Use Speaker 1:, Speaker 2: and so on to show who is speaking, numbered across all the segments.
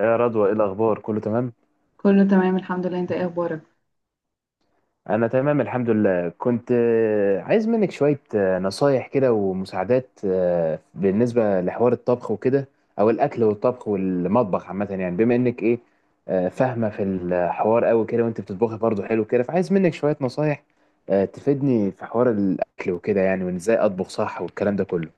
Speaker 1: يا رضوى، ايه الاخبار؟ كله تمام؟
Speaker 2: كله تمام الحمد لله. انت ايه اخبارك؟
Speaker 1: انا تمام الحمد لله. كنت عايز منك شوية نصايح كده ومساعدات بالنسبة لحوار الطبخ وكده، او الاكل والطبخ والمطبخ عامة، يعني بما انك ايه فاهمة في الحوار قوي كده، وانت بتطبخي برضه حلو كده، فعايز منك شوية نصايح تفيدني في حوار الاكل وكده، يعني وان ازاي اطبخ صح والكلام ده كله.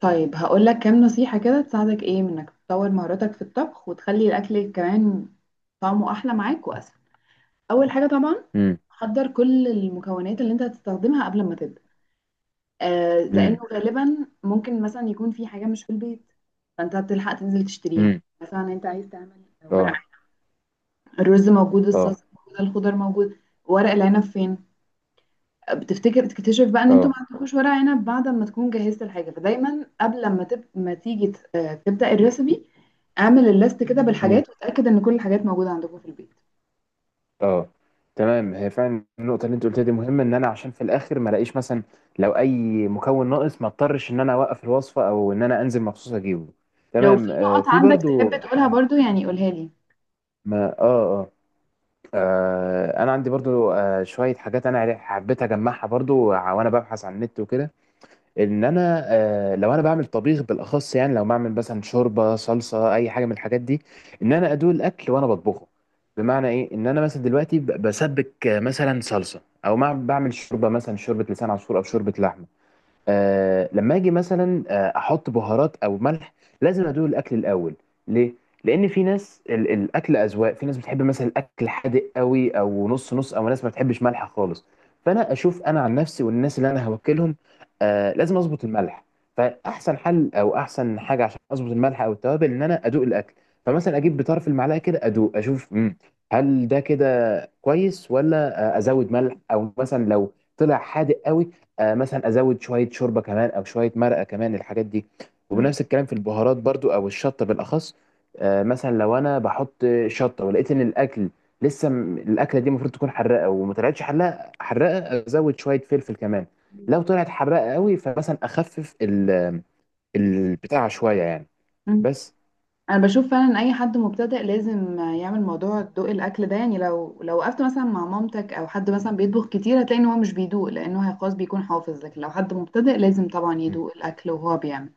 Speaker 2: طيب هقول لك كام نصيحة كده تساعدك، ايه منك تطور مهاراتك في الطبخ وتخلي الاكل كمان طعمه احلى معاك واسهل. اول حاجة طبعا
Speaker 1: امم.
Speaker 2: حضر كل المكونات اللي انت هتستخدمها قبل ما تبدأ. لانه
Speaker 1: امم.
Speaker 2: غالبا ممكن مثلا يكون في حاجة مش في البيت، فانت هتلحق تنزل تشتريها.
Speaker 1: امم.
Speaker 2: مثلا انت عايز تعمل ورق
Speaker 1: اه.
Speaker 2: عنب، الرز موجود،
Speaker 1: اه.
Speaker 2: الصلصة موجودة، الخضار موجود، ورق العنب فين؟ بتفتكر بتكتشف بقى ان انتوا
Speaker 1: اه.
Speaker 2: ما عندكوش ورق عنب بعد ما تكون جهزت الحاجه. فدايما قبل ما تب... ما تيجي ت- آه، تبدا الريسبي، اعمل الليست كده بالحاجات وتاكد ان كل الحاجات موجوده عندكم في البيت.
Speaker 1: اه. تمام، هي فعلا النقطة اللي انت قلتها دي مهمة، ان انا عشان في الاخر ما الاقيش مثلا لو اي مكون ناقص، ما اضطرش ان انا اوقف الوصفة او ان انا انزل مخصوص اجيبه.
Speaker 2: لو في
Speaker 1: تمام.
Speaker 2: نقط
Speaker 1: في
Speaker 2: عندك
Speaker 1: برضو
Speaker 2: تحب تقولها برضو، يعني قولها لي.
Speaker 1: ما. اه. اه. انا عندي برضو شوية حاجات، انا حبيت اجمعها برضو وانا ببحث عن النت وكده. ان انا لو انا بعمل طبيخ بالاخص، يعني لو بعمل مثلا شوربه، صلصه، اي حاجه من الحاجات دي، ان انا ادوق الاكل وانا بطبخه. بمعنى ايه؟ ان انا مثلا دلوقتي بسبك مثلا صلصه، او مع بعمل شوربه، مثلا شوربه لسان عصفور او شوربه لحمه، لما اجي مثلا احط بهارات او ملح، لازم ادوق الاكل الاول. ليه؟ لان في ناس الاكل اذواق. في ناس بتحب مثلا الاكل حادق قوي او نص نص، او ناس ما بتحبش ملح خالص. فانا اشوف انا عن نفسي والناس اللي انا هوكلهم، لازم اظبط الملح. فاحسن حل او احسن حاجه عشان اظبط الملح او التوابل، ان انا ادوق الاكل. فمثلا اجيب بطرف المعلقه كده ادوق اشوف، هل ده كده كويس، ولا ازود ملح؟ او مثلا لو طلع حادق قوي، مثلا ازود شويه شوربه كمان او شويه مرقه كمان، الحاجات دي.
Speaker 2: مم.
Speaker 1: وبنفس الكلام في البهارات برضو، او الشطه بالاخص. مثلا لو انا بحط شطه ولقيت ان الاكل لسه الاكله دي المفروض تكون حراقه وما طلعتش حراقه حراقه، ازود شويه فلفل كمان. لو طلعت حراقه قوي، فمثلا اخفف البتاع شويه يعني.
Speaker 2: مم.
Speaker 1: بس.
Speaker 2: انا بشوف فعلا ان اي حد مبتدئ لازم يعمل موضوع ذوق الاكل ده. يعني لو وقفت مثلا مع مامتك او حد مثلا بيطبخ كتير، هتلاقي ان هو مش بيدوق لانه هي خلاص بيكون حافظ. لكن لو حد مبتدئ لازم طبعا
Speaker 1: م.
Speaker 2: يدوق الاكل وهو بيعمل.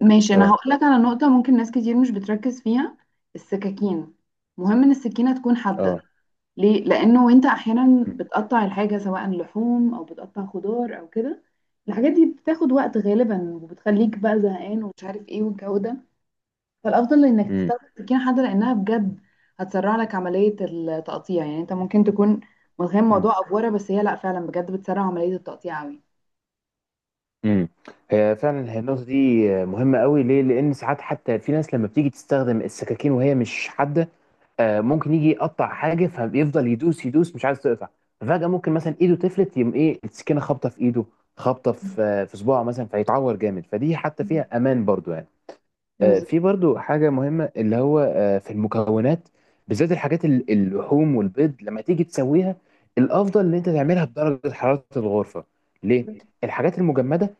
Speaker 2: ماشي، انا هقول
Speaker 1: اه.
Speaker 2: لك على نقطة ممكن ناس كتير مش بتركز فيها: السكاكين. مهم ان السكينة تكون حادة.
Speaker 1: اه.
Speaker 2: ليه؟ لانه وانت احيانا بتقطع الحاجة، سواء لحوم او بتقطع خضار او كده، الحاجات دي بتاخد وقت غالبا وبتخليك بقى زهقان ومش عارف ايه والجو ده. فالافضل انك
Speaker 1: م.
Speaker 2: تستخدم سكينة حادة، لانها بجد هتسرع لك عملية التقطيع. يعني انت ممكن تكون متخيل
Speaker 1: م.
Speaker 2: موضوع افورة، بس هي لا، فعلا بجد بتسرع عملية التقطيع قوي.
Speaker 1: امم. هي فعلا، هي النقطه دي مهمه قوي. ليه؟ لان ساعات حتى في ناس لما بتيجي تستخدم السكاكين وهي مش حاده، ممكن يجي يقطع حاجه فبيفضل يدوس يدوس، مش عايز تقطع. ففجاه ممكن مثلا ايده تفلت، يقوم ايه السكينه خابطه في ايده، خابطه في في صباعه مثلا، فيتعور جامد. فدي حتى فيها امان برضو يعني.
Speaker 2: بالظبط.
Speaker 1: في برضو حاجة مهمة، اللي هو في المكونات، بالذات الحاجات اللحوم والبيض لما تيجي تسويها، الأفضل إن أنت تعملها بدرجة حرارة الغرفة. ليه؟ الحاجات المجمدة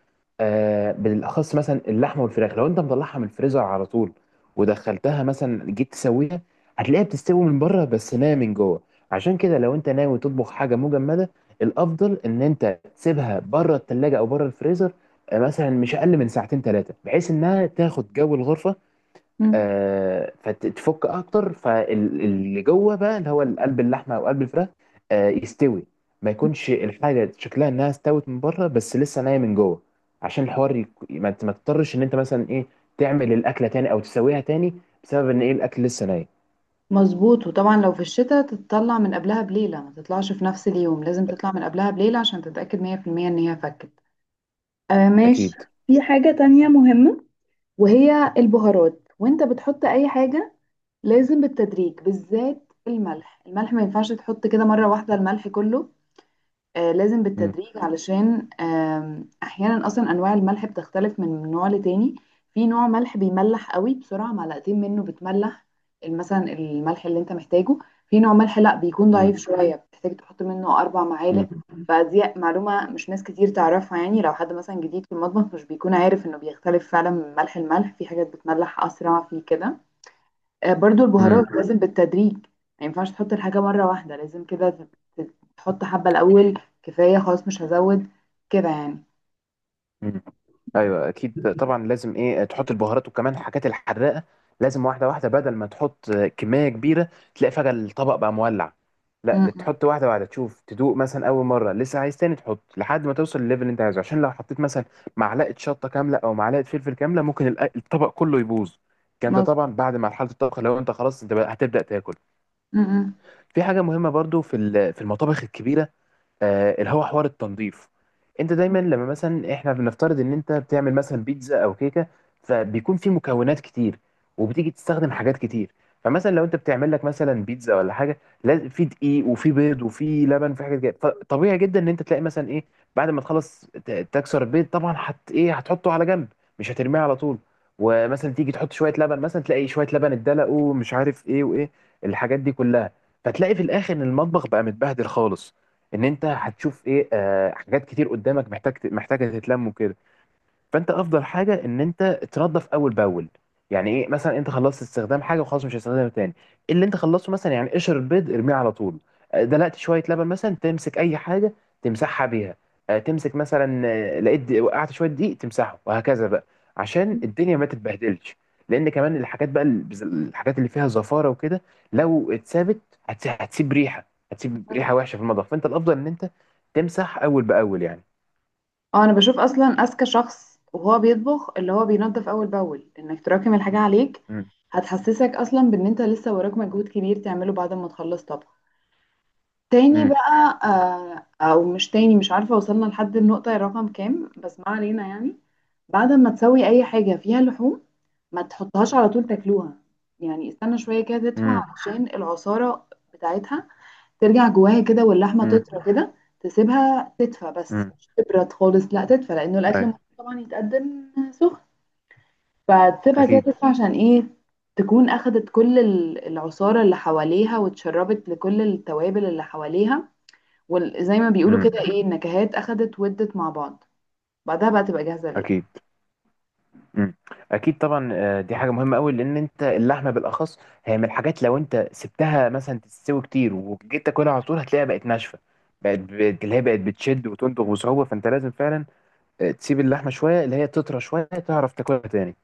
Speaker 1: بالأخص مثلا اللحمة والفراخ، لو أنت مطلعها من الفريزر على طول ودخلتها مثلا جيت تسويها، هتلاقيها بتستوي من بره بس ناية من جوه. عشان كده لو أنت ناوي تطبخ حاجة مجمدة، الأفضل إن أنت تسيبها بره التلاجة أو بره الفريزر، مثلا مش اقل من ساعتين ثلاثه، بحيث انها تاخد جو الغرفه فتتفك اكتر. فاللي جوه بقى اللي هو قلب اللحمه او قلب الفراخ يستوي، ما يكونش الحاجه شكلها انها استوت من بره بس لسه نايه من جوه، عشان الحوار ما تضطرش ان انت مثلا ايه تعمل الاكله تاني او تسويها تاني، بسبب ان ايه الاكل لسه ناي.
Speaker 2: مظبوط، وطبعا لو في الشتاء تطلع من قبلها بليلة، ما تطلعش في نفس اليوم، لازم تطلع من قبلها بليلة عشان تتأكد 100% ان هي فكت. آه ماشي.
Speaker 1: اكيد.
Speaker 2: في حاجة تانية مهمة وهي البهارات، وانت بتحط اي حاجة لازم بالتدريج، بالذات الملح. الملح ما ينفعش تحط كده مرة واحدة الملح كله. لازم
Speaker 1: مم.
Speaker 2: بالتدريج، علشان احيانا اصلا انواع الملح بتختلف من نوع لتاني. في نوع ملح بيملح قوي، بسرعه معلقتين منه بتملح مثلا الملح اللي انت محتاجه. في نوع ملح لا، بيكون
Speaker 1: مم.
Speaker 2: ضعيف شويه، بتحتاج تحط منه اربع
Speaker 1: مم.
Speaker 2: معالق. فدي معلومه مش ناس كتير تعرفها. يعني لو حد مثلا جديد في المطبخ مش بيكون عارف انه بيختلف فعلا من ملح الملح، في حاجات بتملح اسرع في كده. برضو
Speaker 1: مم.
Speaker 2: البهارات لازم بالتدريج. ما ينفعش تحط الحاجة مرة واحدة، لازم كده تحط حبة الأول، كفاية خلاص مش هزود كده يعني.
Speaker 1: مم. ايوه اكيد طبعا، لازم ايه تحط البهارات وكمان الحاجات الحراقه، لازم واحده واحده، بدل ما تحط كميه كبيره تلاقي فجاه الطبق بقى مولع. لا،
Speaker 2: م-
Speaker 1: اللي
Speaker 2: م.
Speaker 1: تحط واحده واحده، تشوف، تدوق، مثلا اول مره لسه عايز تاني تحط لحد ما توصل للليفل اللي انت عايزه. عشان لو حطيت مثلا معلقه شطه كامله او معلقه فلفل كامله، ممكن الطبق كله يبوظ. الكلام ده
Speaker 2: مظبوط.
Speaker 1: طبعا بعد ما حاله الطبخ، لو انت خلاص انت بقى هتبدا تاكل.
Speaker 2: م-
Speaker 1: في حاجه مهمه برضو في في المطابخ الكبيره، اللي هو حوار التنظيف. انت
Speaker 2: م.
Speaker 1: دايما لما مثلا، احنا بنفترض ان انت بتعمل مثلا بيتزا او كيكه، فبيكون في مكونات كتير، وبتيجي تستخدم حاجات كتير. فمثلا لو انت بتعمل لك مثلا بيتزا ولا حاجه، لازم في دقيق وفي بيض وفي لبن وفي حاجات كده. فطبيعي جدا ان انت تلاقي مثلا ايه، بعد ما تخلص تكسر البيض، طبعا هت ايه هتحطه على جنب، مش هترميه على طول. ومثلا تيجي تحط شويه لبن، مثلا تلاقي شويه لبن اتدلق، ومش عارف ايه وايه، الحاجات دي كلها. فتلاقي في الاخر ان المطبخ بقى متبهدل خالص، ان انت هتشوف ايه حاجات كتير قدامك محتاج محتاجه تتلم وكده. فانت افضل حاجه ان انت تنظف اول باول. يعني ايه؟ مثلا انت خلصت استخدام حاجه وخلاص مش هتستخدمها تاني، اللي انت خلصته مثلا يعني قشر البيض ارميه على طول. دلقت شويه لبن مثلا، تمسك اي حاجه تمسحها بيها. تمسك مثلا لقيت وقعت شويه دقيق تمسحه، وهكذا بقى، عشان الدنيا ما تتبهدلش. لان كمان الحاجات بقى الحاجات اللي فيها زفاره وكده، لو اتسابت هتسيب ريحه، هتسيب ريحه وحشه في المطبخ. فانت الافضل ان انت تمسح اول باول يعني.
Speaker 2: اه، أنا بشوف أصلا أذكى شخص وهو بيطبخ اللي هو بينظف أول بأول. إنك تراكم الحاجة عليك
Speaker 1: امم.
Speaker 2: هتحسسك أصلا بإن أنت لسه وراك مجهود كبير تعمله بعد ما تخلص طبخ. تاني بقى، او مش تاني، مش عارفة وصلنا لحد النقطة رقم كام، بس ما علينا. يعني بعد ما تسوي اي حاجة فيها لحوم، ما تحطهاش على طول تاكلوها. يعني استنى شوية كده تدفع
Speaker 1: امم.
Speaker 2: علشان العصارة بتاعتها ترجع جواها كده واللحمة
Speaker 1: امم.
Speaker 2: تطرى كده. تسيبها تدفى، بس مش تبرد خالص، لا تدفى، لانه الاكل
Speaker 1: اي.
Speaker 2: المفروض طبعا يتقدم سخن. فتسيبها كده
Speaker 1: اكيد.
Speaker 2: تدفى عشان ايه؟ تكون اخدت كل العصارة اللي حواليها واتشربت لكل التوابل اللي حواليها، وزي ما بيقولوا
Speaker 1: امم.
Speaker 2: كده ايه، النكهات اخدت ودت مع بعض. بعدها بقى تبقى جاهزة للأكل.
Speaker 1: اكيد. امم. اكيد طبعا، دي حاجه مهمه قوي. لان انت اللحمه بالاخص هي من الحاجات لو انت سبتها مثلا تستوي كتير وجيت تاكلها على طول، هتلاقيها بقت ناشفه، اللي هي بقت بتشد وتندغ بصعوبه. فانت لازم فعلا تسيب اللحمه شويه، اللي هي تطرى شويه، تعرف تاكلها تاني.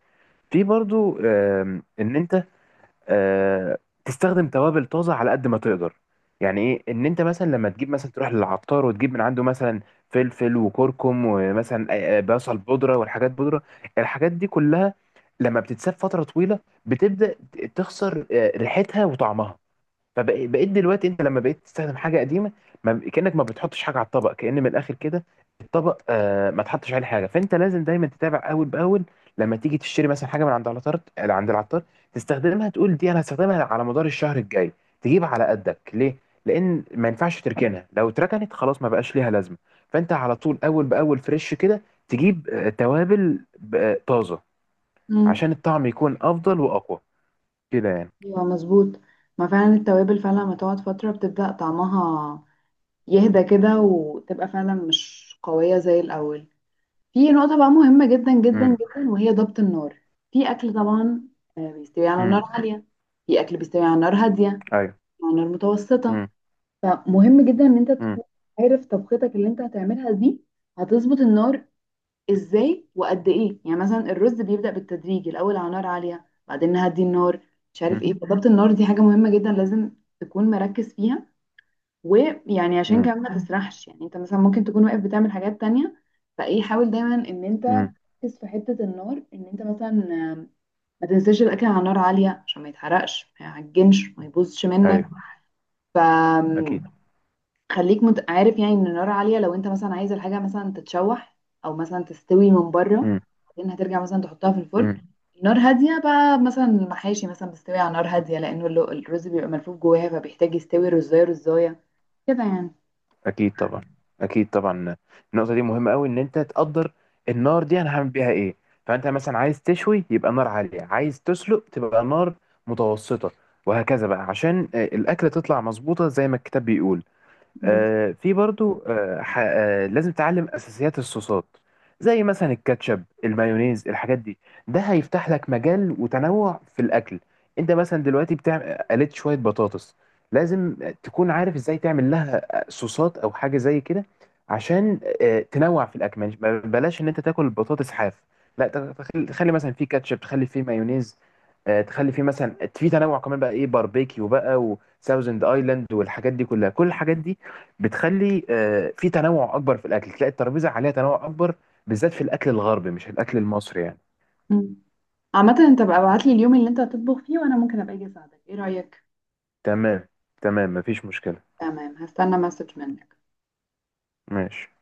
Speaker 1: في برضو ان انت آه، تستخدم توابل طازه على قد ما تقدر. يعني ايه؟ ان انت مثلا لما تجيب، مثلا تروح للعطار وتجيب من عنده مثلا فلفل وكركم ومثلا بصل بودره والحاجات بودره، الحاجات دي كلها لما بتتساب فتره طويله بتبدا تخسر ريحتها وطعمها. فبقيت دلوقتي انت لما بقيت تستخدم حاجه قديمه، ما كانك ما بتحطش حاجه على الطبق، كأن من الاخر كده الطبق ما تحطش عليه حاجه. فانت لازم دايما تتابع اول باول، لما تيجي تشتري مثلا حاجه من عند العطار عند العطار تستخدمها، تقول دي انا هستخدمها على مدار الشهر الجاي، تجيب على قدك. ليه؟ لان ما ينفعش تركنها، لو اتركنت خلاص ما بقاش ليها لازمه. فانت على طول اول باول فريش كده، تجيب توابل طازه،
Speaker 2: امم،
Speaker 1: عشان الطعم يكون افضل واقوى كده يعني.
Speaker 2: ايوه مظبوط. ما فعلا التوابل فعلا لما تقعد فترة بتبدأ طعمها يهدى كده وتبقى فعلا مش قوية زي الأول. في نقطة بقى مهمة جدا جدا
Speaker 1: امم.
Speaker 2: جدا وهي ضبط النار. في أكل طبعا بيستوي على
Speaker 1: امم.
Speaker 2: نار عالية، في أكل بيستوي على نار هادية،
Speaker 1: ايوه.
Speaker 2: على نار متوسطة.
Speaker 1: امم.
Speaker 2: فمهم جدا إن أنت
Speaker 1: امم.
Speaker 2: تكون عارف طبختك اللي أنت هتعملها دي هتظبط النار ازاي وقد ايه. يعني مثلا الرز بيبدأ بالتدريج، الاول على نار عالية بعدين نهدي النار، مش عارف ايه. فضبط النار دي حاجة مهمة جدا، لازم تكون مركز فيها. ويعني عشان
Speaker 1: امم.
Speaker 2: كمان ما تسرحش، يعني انت مثلا ممكن تكون واقف بتعمل حاجات تانية. فايه، حاول دايما ان انت
Speaker 1: امم.
Speaker 2: تركز في حتة النار. ان انت مثلا آم، ما تنساش الاكل على نار عالية عشان ما يتحرقش، ما يعجنش، ما يبوظش منك.
Speaker 1: ايوه
Speaker 2: ف
Speaker 1: اكيد.
Speaker 2: عارف يعني ان النار عاليه لو انت مثلا عايز الحاجه مثلا تتشوح او مثلا تستوي من بره،
Speaker 1: امم.
Speaker 2: بعدين هترجع مثلا تحطها في الفرن.
Speaker 1: امم.
Speaker 2: نار هاديه بقى مثلا المحاشي مثلا بتستوي على نار هاديه، لانه الرز بيبقى ملفوف جواها فبيحتاج يستوي رزايه رزايه كده يعني.
Speaker 1: اكيد طبعا. اكيد طبعا. النقطه دي مهمه قوي، ان انت تقدر النار دي انا هعمل بيها ايه. فانت مثلا عايز تشوي يبقى نار عاليه، عايز تسلق تبقى نار متوسطه، وهكذا بقى، عشان الاكله تطلع مظبوطه زي ما الكتاب بيقول.
Speaker 2: بس.
Speaker 1: في برضو لازم تتعلم اساسيات الصوصات، زي مثلا الكاتشب، المايونيز، الحاجات دي. ده هيفتح لك مجال وتنوع في الاكل. انت مثلا دلوقتي بتعمل قلت شويه بطاطس، لازم تكون عارف ازاي تعمل لها صوصات او حاجه زي كده، عشان تنوع في الاكل. بلاش ان انت تاكل البطاطس حاف. لا، تخلي مثلا فيه كاتشب، تخلي فيه مايونيز، تخلي فيه مثلا في تنوع كمان، بقى ايه باربيكيو بقى وساوزند ايلاند والحاجات دي كلها. كل الحاجات دي بتخلي في تنوع اكبر في الاكل، تلاقي الترابيزه عليها تنوع اكبر، بالذات في الاكل الغربي مش الاكل المصري يعني.
Speaker 2: مم. عامه انت بقى ابعت لي اليوم اللي انت هتطبخ فيه وانا ممكن ابقى اجي اساعدك، ايه رايك؟
Speaker 1: تمام. تمام مفيش مشكله.
Speaker 2: تمام، هستنى مسج منك.
Speaker 1: ماشي.